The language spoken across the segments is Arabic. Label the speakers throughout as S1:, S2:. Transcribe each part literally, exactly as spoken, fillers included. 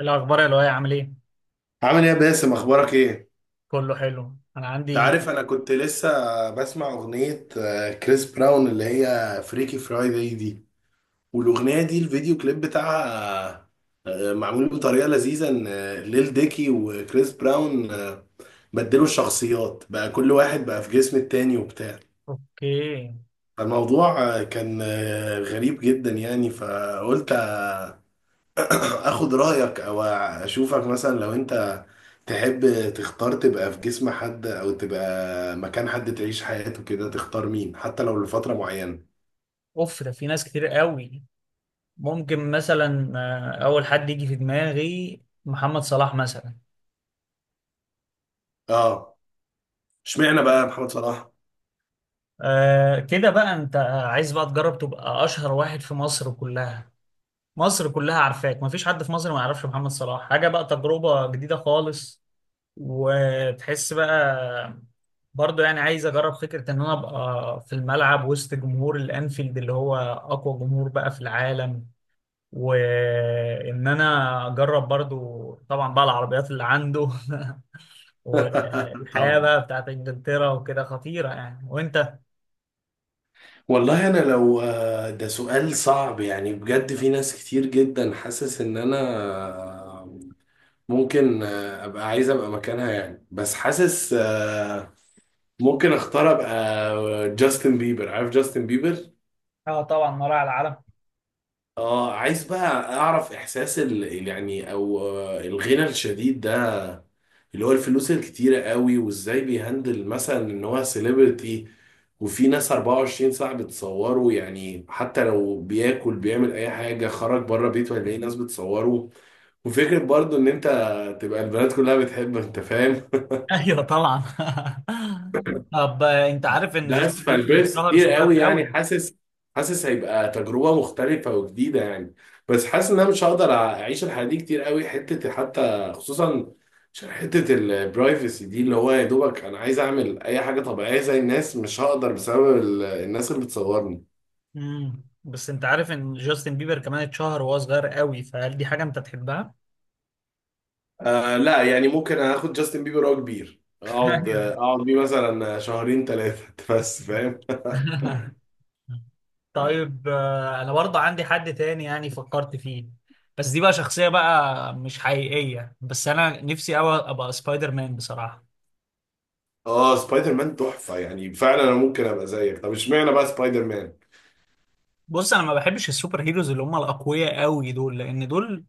S1: الأخبار يا لؤي، عامل إيه؟
S2: عامل ايه يا باسم، اخبارك ايه؟
S1: كله حلو، أنا
S2: انت
S1: عندي.
S2: عارف انا كنت لسه بسمع اغنية آه، كريس براون اللي هي فريكي فرايداي دي. والاغنية دي الفيديو كليب بتاعها آه، معمول بطريقة لذيذة، ان آه، ليل ديكي وكريس براون آه، بدلوا الشخصيات بقى، كل واحد بقى في جسم التاني وبتاع.
S1: أوكي.
S2: فالموضوع آه، كان آه، غريب جدا يعني، فقلت اخد رايك او اشوفك مثلا. لو انت تحب تختار تبقى في جسم حد او تبقى مكان حد تعيش حياته كده، تختار مين حتى لو لفتره معينه؟
S1: أوف، ده في ناس كتير قوي. ممكن مثلا آه، أول حد يجي في دماغي محمد صلاح مثلا.
S2: اه، اشمعنى بقى محمد صلاح؟
S1: آه كده بقى، أنت عايز بقى تجرب تبقى أشهر واحد في مصر كلها. مصر كلها عارفاك، مفيش حد في مصر ما يعرفش محمد صلاح. حاجة بقى تجربة جديدة خالص، وتحس بقى برضه. يعني عايز اجرب فكره ان انا ابقى في الملعب وسط جمهور الانفيلد، اللي هو اقوى جمهور بقى في العالم، وان انا اجرب برضو طبعا بقى العربيات اللي عنده والحياة
S2: طبعا.
S1: بقى بتاعت انجلترا وكده، خطيرة يعني. وانت؟
S2: والله انا لو آه، ده سؤال صعب يعني، بجد في ناس كتير جدا حاسس ان انا آه، ممكن آه، ابقى عايز ابقى مكانها يعني، بس حاسس آه، ممكن اختار ابقى جاستن بيبر. عارف جاستن بيبر؟
S1: اه طبعا، مراعي العالم.
S2: اه، عايز بقى اعرف احساس ال ال- يعني او آه، الغنى الشديد ده، اللي هو الفلوس الكتيرة قوي، وازاي بيهندل مثلا ان هو سيلبرتي، وفي ناس اربعة وعشرين ساعة بتصوره يعني. حتى لو بياكل بيعمل اي حاجة، خرج بره بيته هيلاقي ناس بتصوره. وفكرة برضو ان انت تبقى البنات كلها بتحبك، انت فاهم.
S1: ايوه طبعا. طب انت عارف ان
S2: ده
S1: جاستن
S2: اسفل
S1: بيبر
S2: بيرث
S1: اتشهر
S2: كتير
S1: صغير
S2: قوي يعني،
S1: قوي؟
S2: حاسس حاسس هيبقى تجربه مختلفه وجديده يعني. بس حاسس ان انا مش هقدر اعيش الحياه دي كتير قوي، حته حتى خصوصا عشان حته البرايفسي دي، اللي هو يا دوبك انا عايز اعمل اي حاجه طبيعيه زي الناس، مش هقدر بسبب ال- الناس اللي بتصورني.
S1: امم بس انت عارف ان جاستن بيبر كمان اتشهر وهو صغير قوي، فهل دي حاجة انت تحبها؟
S2: آه لا، يعني ممكن اخد جاستن بيبر وهو كبير، اقعد
S1: ايوه.
S2: اقعد بيه مثلا شهرين ثلاثه بس فاهم.
S1: طيب، آه، انا برضه عندي حد تاني يعني فكرت فيه، بس دي بقى شخصية بقى مش حقيقية. بس انا نفسي قوي ابقى سبايدر مان بصراحة.
S2: اه، سبايدر مان تحفه يعني، فعلا انا ممكن ابقى زيك. طب اشمعنى بقى سبايدر مان؟
S1: بص، انا ما بحبش السوبر هيروز اللي هم الاقوياء قوي دول، لان دول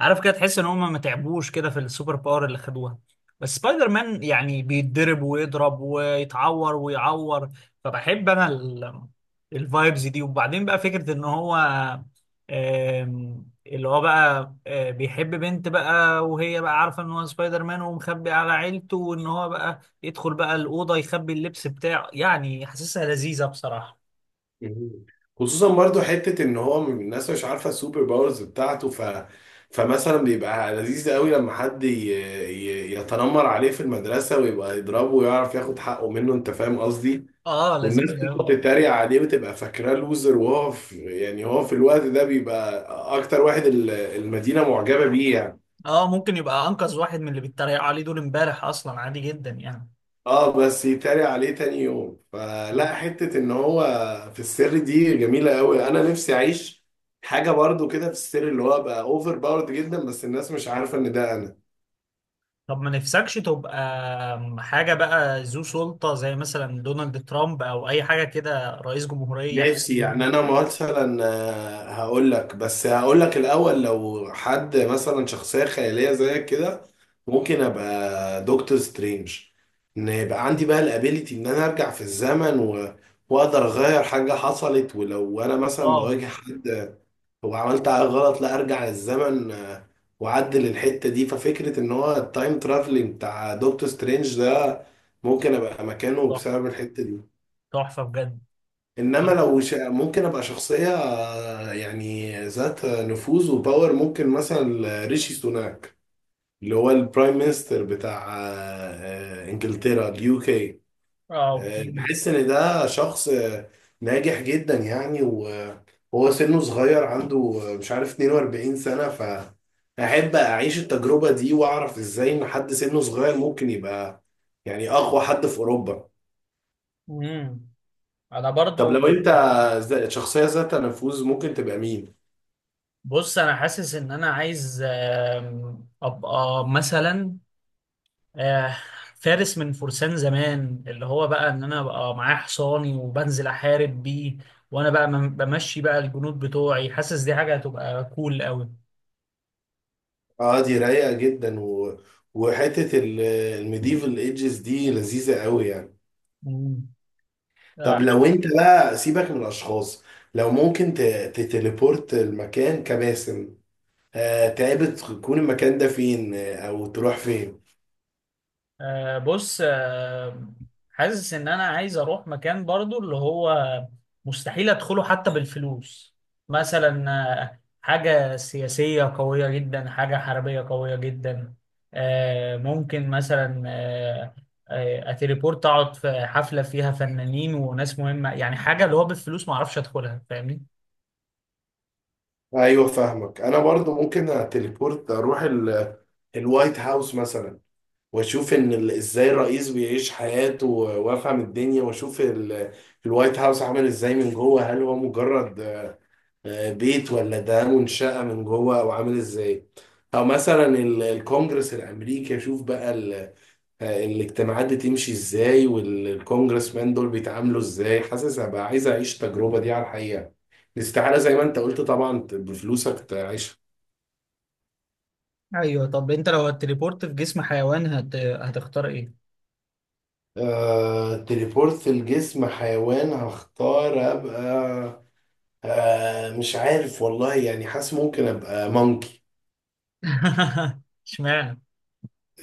S1: عارف كده تحس ان هم ما تعبوش كده في السوبر باور اللي خدوها. بس سبايدر مان يعني بيتضرب ويضرب ويتعور ويعور، فبحب انا ال- الفايبز دي. وبعدين بقى فكرة ان هو آم، اللي هو بقى آه، بيحب بنت بقى، وهي بقى عارفة ان هو سبايدر مان ومخبي على عيلته، وان هو بقى يدخل بقى الأوضة يخبي اللبس بتاعه، يعني حاسسها لذيذة بصراحة.
S2: مم. خصوصا برضو حتة ان هو من الناس مش عارفة السوبر باورز بتاعته، ف... فمثلا بيبقى لذيذ قوي لما حد ي... ي... يتنمر عليه في المدرسة، ويبقى يضربه ويعرف ياخد حقه منه، انت فاهم قصدي.
S1: اه
S2: والناس
S1: لذيذة أوي.
S2: تقعد تتريق عليه وتبقى فاكراه لوزر، وهو في... يعني هو في الوقت ده بيبقى اكتر واحد ال- المدينة معجبة بيه يعني.
S1: اه ممكن يبقى انقذ واحد من اللي بيتريقوا عليه دول امبارح، اصلا عادي جدا يعني.
S2: اه بس يتريق عليه تاني يوم، فلا، حتة ان هو في السر دي جميلة قوي، انا نفسي اعيش حاجة برضو كده في السر اللي هو بقى اوفر باورد جدا، بس الناس مش عارفة ان ده انا.
S1: طب ما نفسكش تبقى حاجة بقى ذو سلطة، زي مثلا دونالد ترامب أو أي حاجة كده، رئيس جمهورية، حاجة
S2: نفسي
S1: مهمة
S2: يعني. انا
S1: كده.
S2: مثلا آه، هقول لك، بس هقول لك الاول. لو حد مثلا شخصية خيالية زيك كده، ممكن ابقى دكتور سترينج، ان يبقى عندي بقى الابيليتي ان انا ارجع في الزمن و... واقدر اغير حاجة حصلت. ولو انا مثلا
S1: واو.
S2: بواجه حد، هو عملت غلط، لا ارجع للزمن آه، واعدل الحته دي. ففكره ان هو التايم ترافلنج بتاع دكتور سترينج ده، ممكن ابقى مكانه
S1: تحفة،
S2: بسبب الحته دي.
S1: تحفة بجد.
S2: انما لو ش... ممكن ابقى شخصيه آه، يعني ذات نفوذ وباور، ممكن مثلا ريشي سوناك اللي هو البرايم مينستر بتاع آه، آه، انجلترا، اليو كي.
S1: اه
S2: آه،
S1: اوكي.
S2: بحس ان ده شخص آه، ناجح جدا يعني، وهو سنه صغير عنده آه، مش عارف اتنين واربعين سنة. فأحب أعيش التجربة دي وأعرف إزاي إن حد سنه صغير ممكن يبقى يعني أقوى حد في أوروبا.
S1: امم انا
S2: طب
S1: برضو.
S2: لو أنت ز- شخصية ذات نفوذ، ممكن تبقى مين؟
S1: بص، انا حاسس ان انا عايز آم، ابقى مثلا آه، فارس من فرسان زمان، اللي هو بقى ان انا ابقى معايا حصاني وبنزل احارب بيه، وانا بقى بم- بمشي بقى الجنود بتوعي. حاسس دي حاجة هتبقى كول قوي.
S2: اه دي رايقة جدا و... وحتة ال- الميديفال ايدجز دي لذيذة قوي يعني.
S1: مم. آه،
S2: طب لو انت بقى سيبك من الاشخاص، لو ممكن ت... تتليبورت المكان كباسم، آه، تعبت تكون المكان ده فين، آه، او تروح فين؟
S1: آه، بص، آه، حاسس ان انا عايز اروح مكان برضو، اللي هو مستحيل ادخله حتى بالفلوس. مثلا آه، حاجة سياسية قوية جدا، حاجة حربية قوية جدا. آه، ممكن مثلا آه، آه، اتليبورت اقعد في حفلة فيها فنانين وناس مهمة، يعني حاجة اللي هو بالفلوس ما اعرفش ادخلها، فاهمني؟
S2: ايوه فاهمك. انا برضو ممكن اتليبورت اروح ال- الوايت هاوس مثلا، واشوف ان ال- ازاي الرئيس بيعيش حياته، و- وافهم الدنيا، واشوف ال- الوايت هاوس عامل ازاي من جوه، هل هو مجرد آه، بيت ولا ده منشأة من جوه او عامل ازاي؟ او مثلا ال- الكونجرس الامريكي اشوف بقى آه، الاجتماعات دي تمشي ازاي، والكونجرس مان دول بيتعاملوا ازاي. حاسس هبقى عايز اعيش التجربة دي على الحقيقة، الاستعارة زي ما انت قلت طبعا، ت- بفلوسك تعيشها.
S1: ايوه. طب انت لو هتليبورت في جسم حيوان هت... هتختار ايه؟
S2: آه، تليبورت الجسم حيوان، هختار ابقى آه، مش عارف والله يعني. حاسس ممكن ابقى مونكي،
S1: اشمعنى؟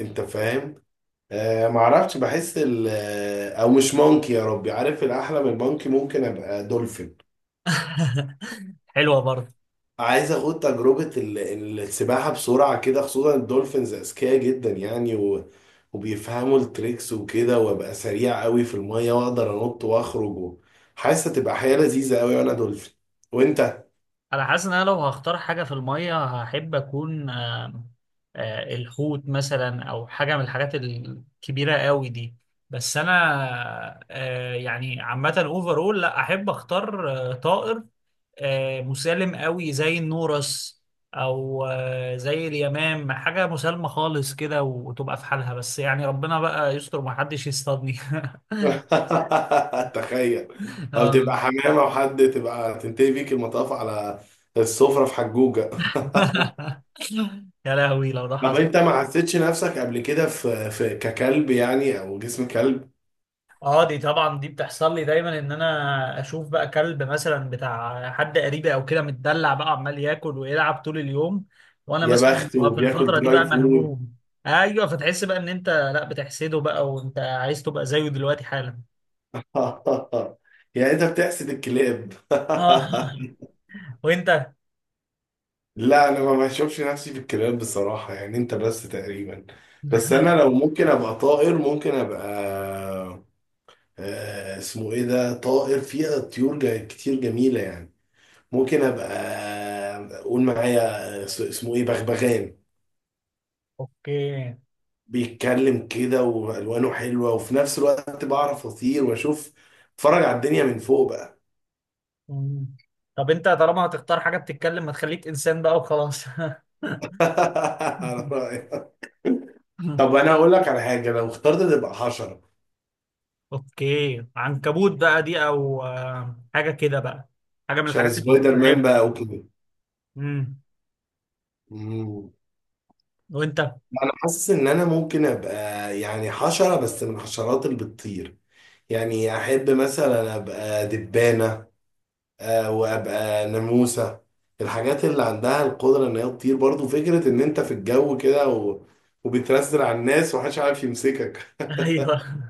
S2: انت فاهم. آه معرفش، بحس ال- آه، او مش مونكي، يا ربي، عارف الاحلى من المونكي؟ ممكن ابقى دولفين.
S1: حلوة برضه.
S2: عايز اخد تجربة ال- ال- السباحة بسرعة كده، خصوصا الدولفينز اذكياء جدا يعني، و... وبيفهموا التريكس وكده، وابقى سريع قوي في المية واقدر انط واخرج و... حاسس هتبقى حياة لذيذة قوي وانا دولفين. وانت؟
S1: أنا حاسس إن أنا لو هختار حاجة في المية هحب أكون آه، آه، الحوت مثلا، أو حاجة من الحاجات الكبيرة قوي دي. بس أنا آه، يعني عامة، أوفرول، لأ، أحب أختار آه، طائر آه، مسالم قوي زي النورس، أو آه، زي اليمام، حاجة مسالمة خالص كده وتبقى في حالها. بس يعني ربنا بقى يستر ومحدش يصطادني.
S2: تخيل. او
S1: آه.
S2: تبقى حمامة وحد، تبقى تنتهي بيك المطاف على السفرة في حجوجة
S1: يا لهوي لو ده
S2: طب
S1: حصل.
S2: انت ما حسيتش نفسك قبل كده في في ككلب يعني، او جسم كلب؟
S1: اه دي طبعا، دي بتحصل لي دايما، ان انا اشوف بقى كلب مثلا بتاع حد قريبي او كده متدلع بقى، عمال ياكل ويلعب طول اليوم، وانا
S2: يا
S1: مثلا
S2: بخت،
S1: ببقى في
S2: وبياكل
S1: الفتره دي
S2: دراي
S1: بقى
S2: فود.
S1: مهموم. ايوه، فتحس بقى ان انت لا بتحسده بقى وانت عايز تبقى زيه دلوقتي حالا.
S2: يعني انت بتحسد الكلاب؟
S1: اه. وانت؟
S2: لا انا ما بشوفش نفسي في الكلاب بصراحة يعني، انت بس تقريبا. بس انا لو ممكن ابقى طائر، ممكن ابقى آه، اسمه ايه ده؟ طائر فيها طيور جا- كتير جميلة يعني. ممكن ابقى، قول معايا، اس- اسمه ايه، بغبغان.
S1: اوكي.
S2: بيتكلم كده والوانه حلوة، وفي نفس الوقت بعرف اطير واشوف، اتفرج على الدنيا من فوق بقى.
S1: مم. طب انت طالما هتختار حاجه بتتكلم، ما تخليك انسان بقى وخلاص.
S2: على رأيك. طب انا هقول لك على حاجه، لو اخترت تبقى حشره،
S1: اوكي، عنكبوت بقى دي، او آه، حاجه كده بقى، حاجه من الحاجات
S2: عشان سبايدر مان بقى،
S1: المتعبه.
S2: اوكي.
S1: امم.
S2: مم.
S1: وانت؟
S2: انا حاسس ان انا ممكن ابقى يعني حشره، بس من الحشرات اللي بتطير. يعني احب مثلا ابقى دبانه، آه، وابقى ناموسه. الحاجات اللي عندها القدره ان هي تطير، برضو فكره ان انت في الجو كده و... وبترسل على الناس ومحدش عارف يمسكك.
S1: ايوه.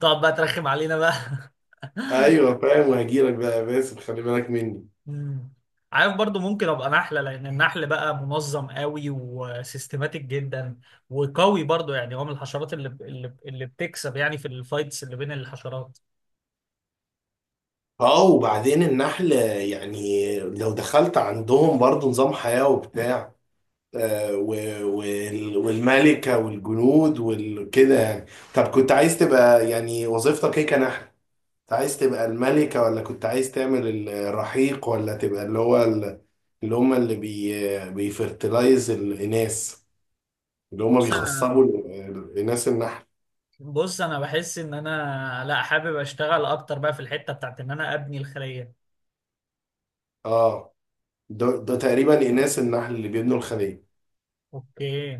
S1: تقعد بقى ترخم علينا بقى.
S2: ايوه فاهم، وهجيلك بقى يا باسم، خلي بالك مني.
S1: امم عارف، برضو ممكن ابقى نحله، لان النحل بقى منظم قوي وسيستماتيك جدا، وقوي برضو يعني. هو من الحشرات اللي اللي, اللي بتكسب يعني في الفايتس اللي بين الحشرات.
S2: اه، وبعدين النحل يعني لو دخلت عندهم برضو نظام حياة وبتاع، آه، و- وال- والملكة والجنود وكده يعني. طب كنت عايز تبقى يعني وظيفتك ايه كنحل؟ كنت عايز تبقى الملكة، ولا كنت عايز تعمل الرحيق، ولا تبقى اللي هو ال- اللي هم اللي بي بيفرتلايز الإناث، اللي هم
S1: بص انا
S2: بيخصبوا ال- الإناث النحل؟
S1: بص انا بحس ان انا لا، حابب اشتغل اكتر بقى في الحته بتاعت ان انا ابني الخليه.
S2: اه، ده, ده تقريبا إناث النحل اللي بيبنوا الخلية.
S1: اوكي.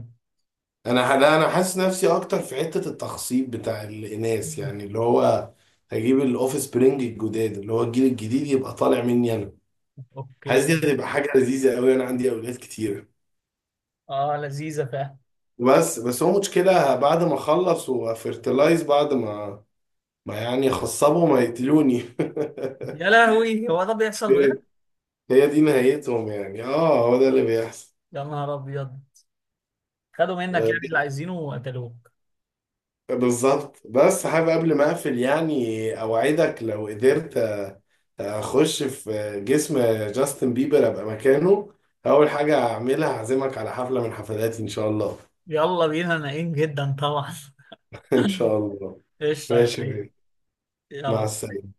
S2: انا لا، انا حاسس نفسي اكتر في حته التخصيب بتاع الاناث
S1: مم.
S2: يعني، اللي هو هجيب الاوف سبرينج الجداد، اللي هو الجيل الجديد يبقى طالع مني انا. حاسس دي
S1: اوكي.
S2: هتبقى حاجه لذيذه قوي، انا عندي اولاد كتير.
S1: اه لذيذه فعلا.
S2: بس بس هو مشكله، بعد ما اخلص وافرتلايز، بعد ما ما يعني خصبوا، ما يقتلوني.
S1: يا لهوي، هو ده بيحصل بجد؟
S2: هي هي دي نهايتهم يعني. اه هو ده اللي بيحصل.
S1: يا نهار ابيض، خدوا منك يعني اللي عايزينه وقتلوك.
S2: بالظبط. بس حابب قبل ما اقفل يعني، اوعدك لو قدرت اخش في جسم جاستن بيبر ابقى مكانه، اول حاجه هعملها هعزمك على حفله من حفلاتي ان شاء الله.
S1: يلا بينا، ناقين جدا طبعا.
S2: ان شاء الله.
S1: قشطة يا
S2: ماشي يا
S1: لؤي.
S2: بيه. مع
S1: يلا.
S2: السلامه.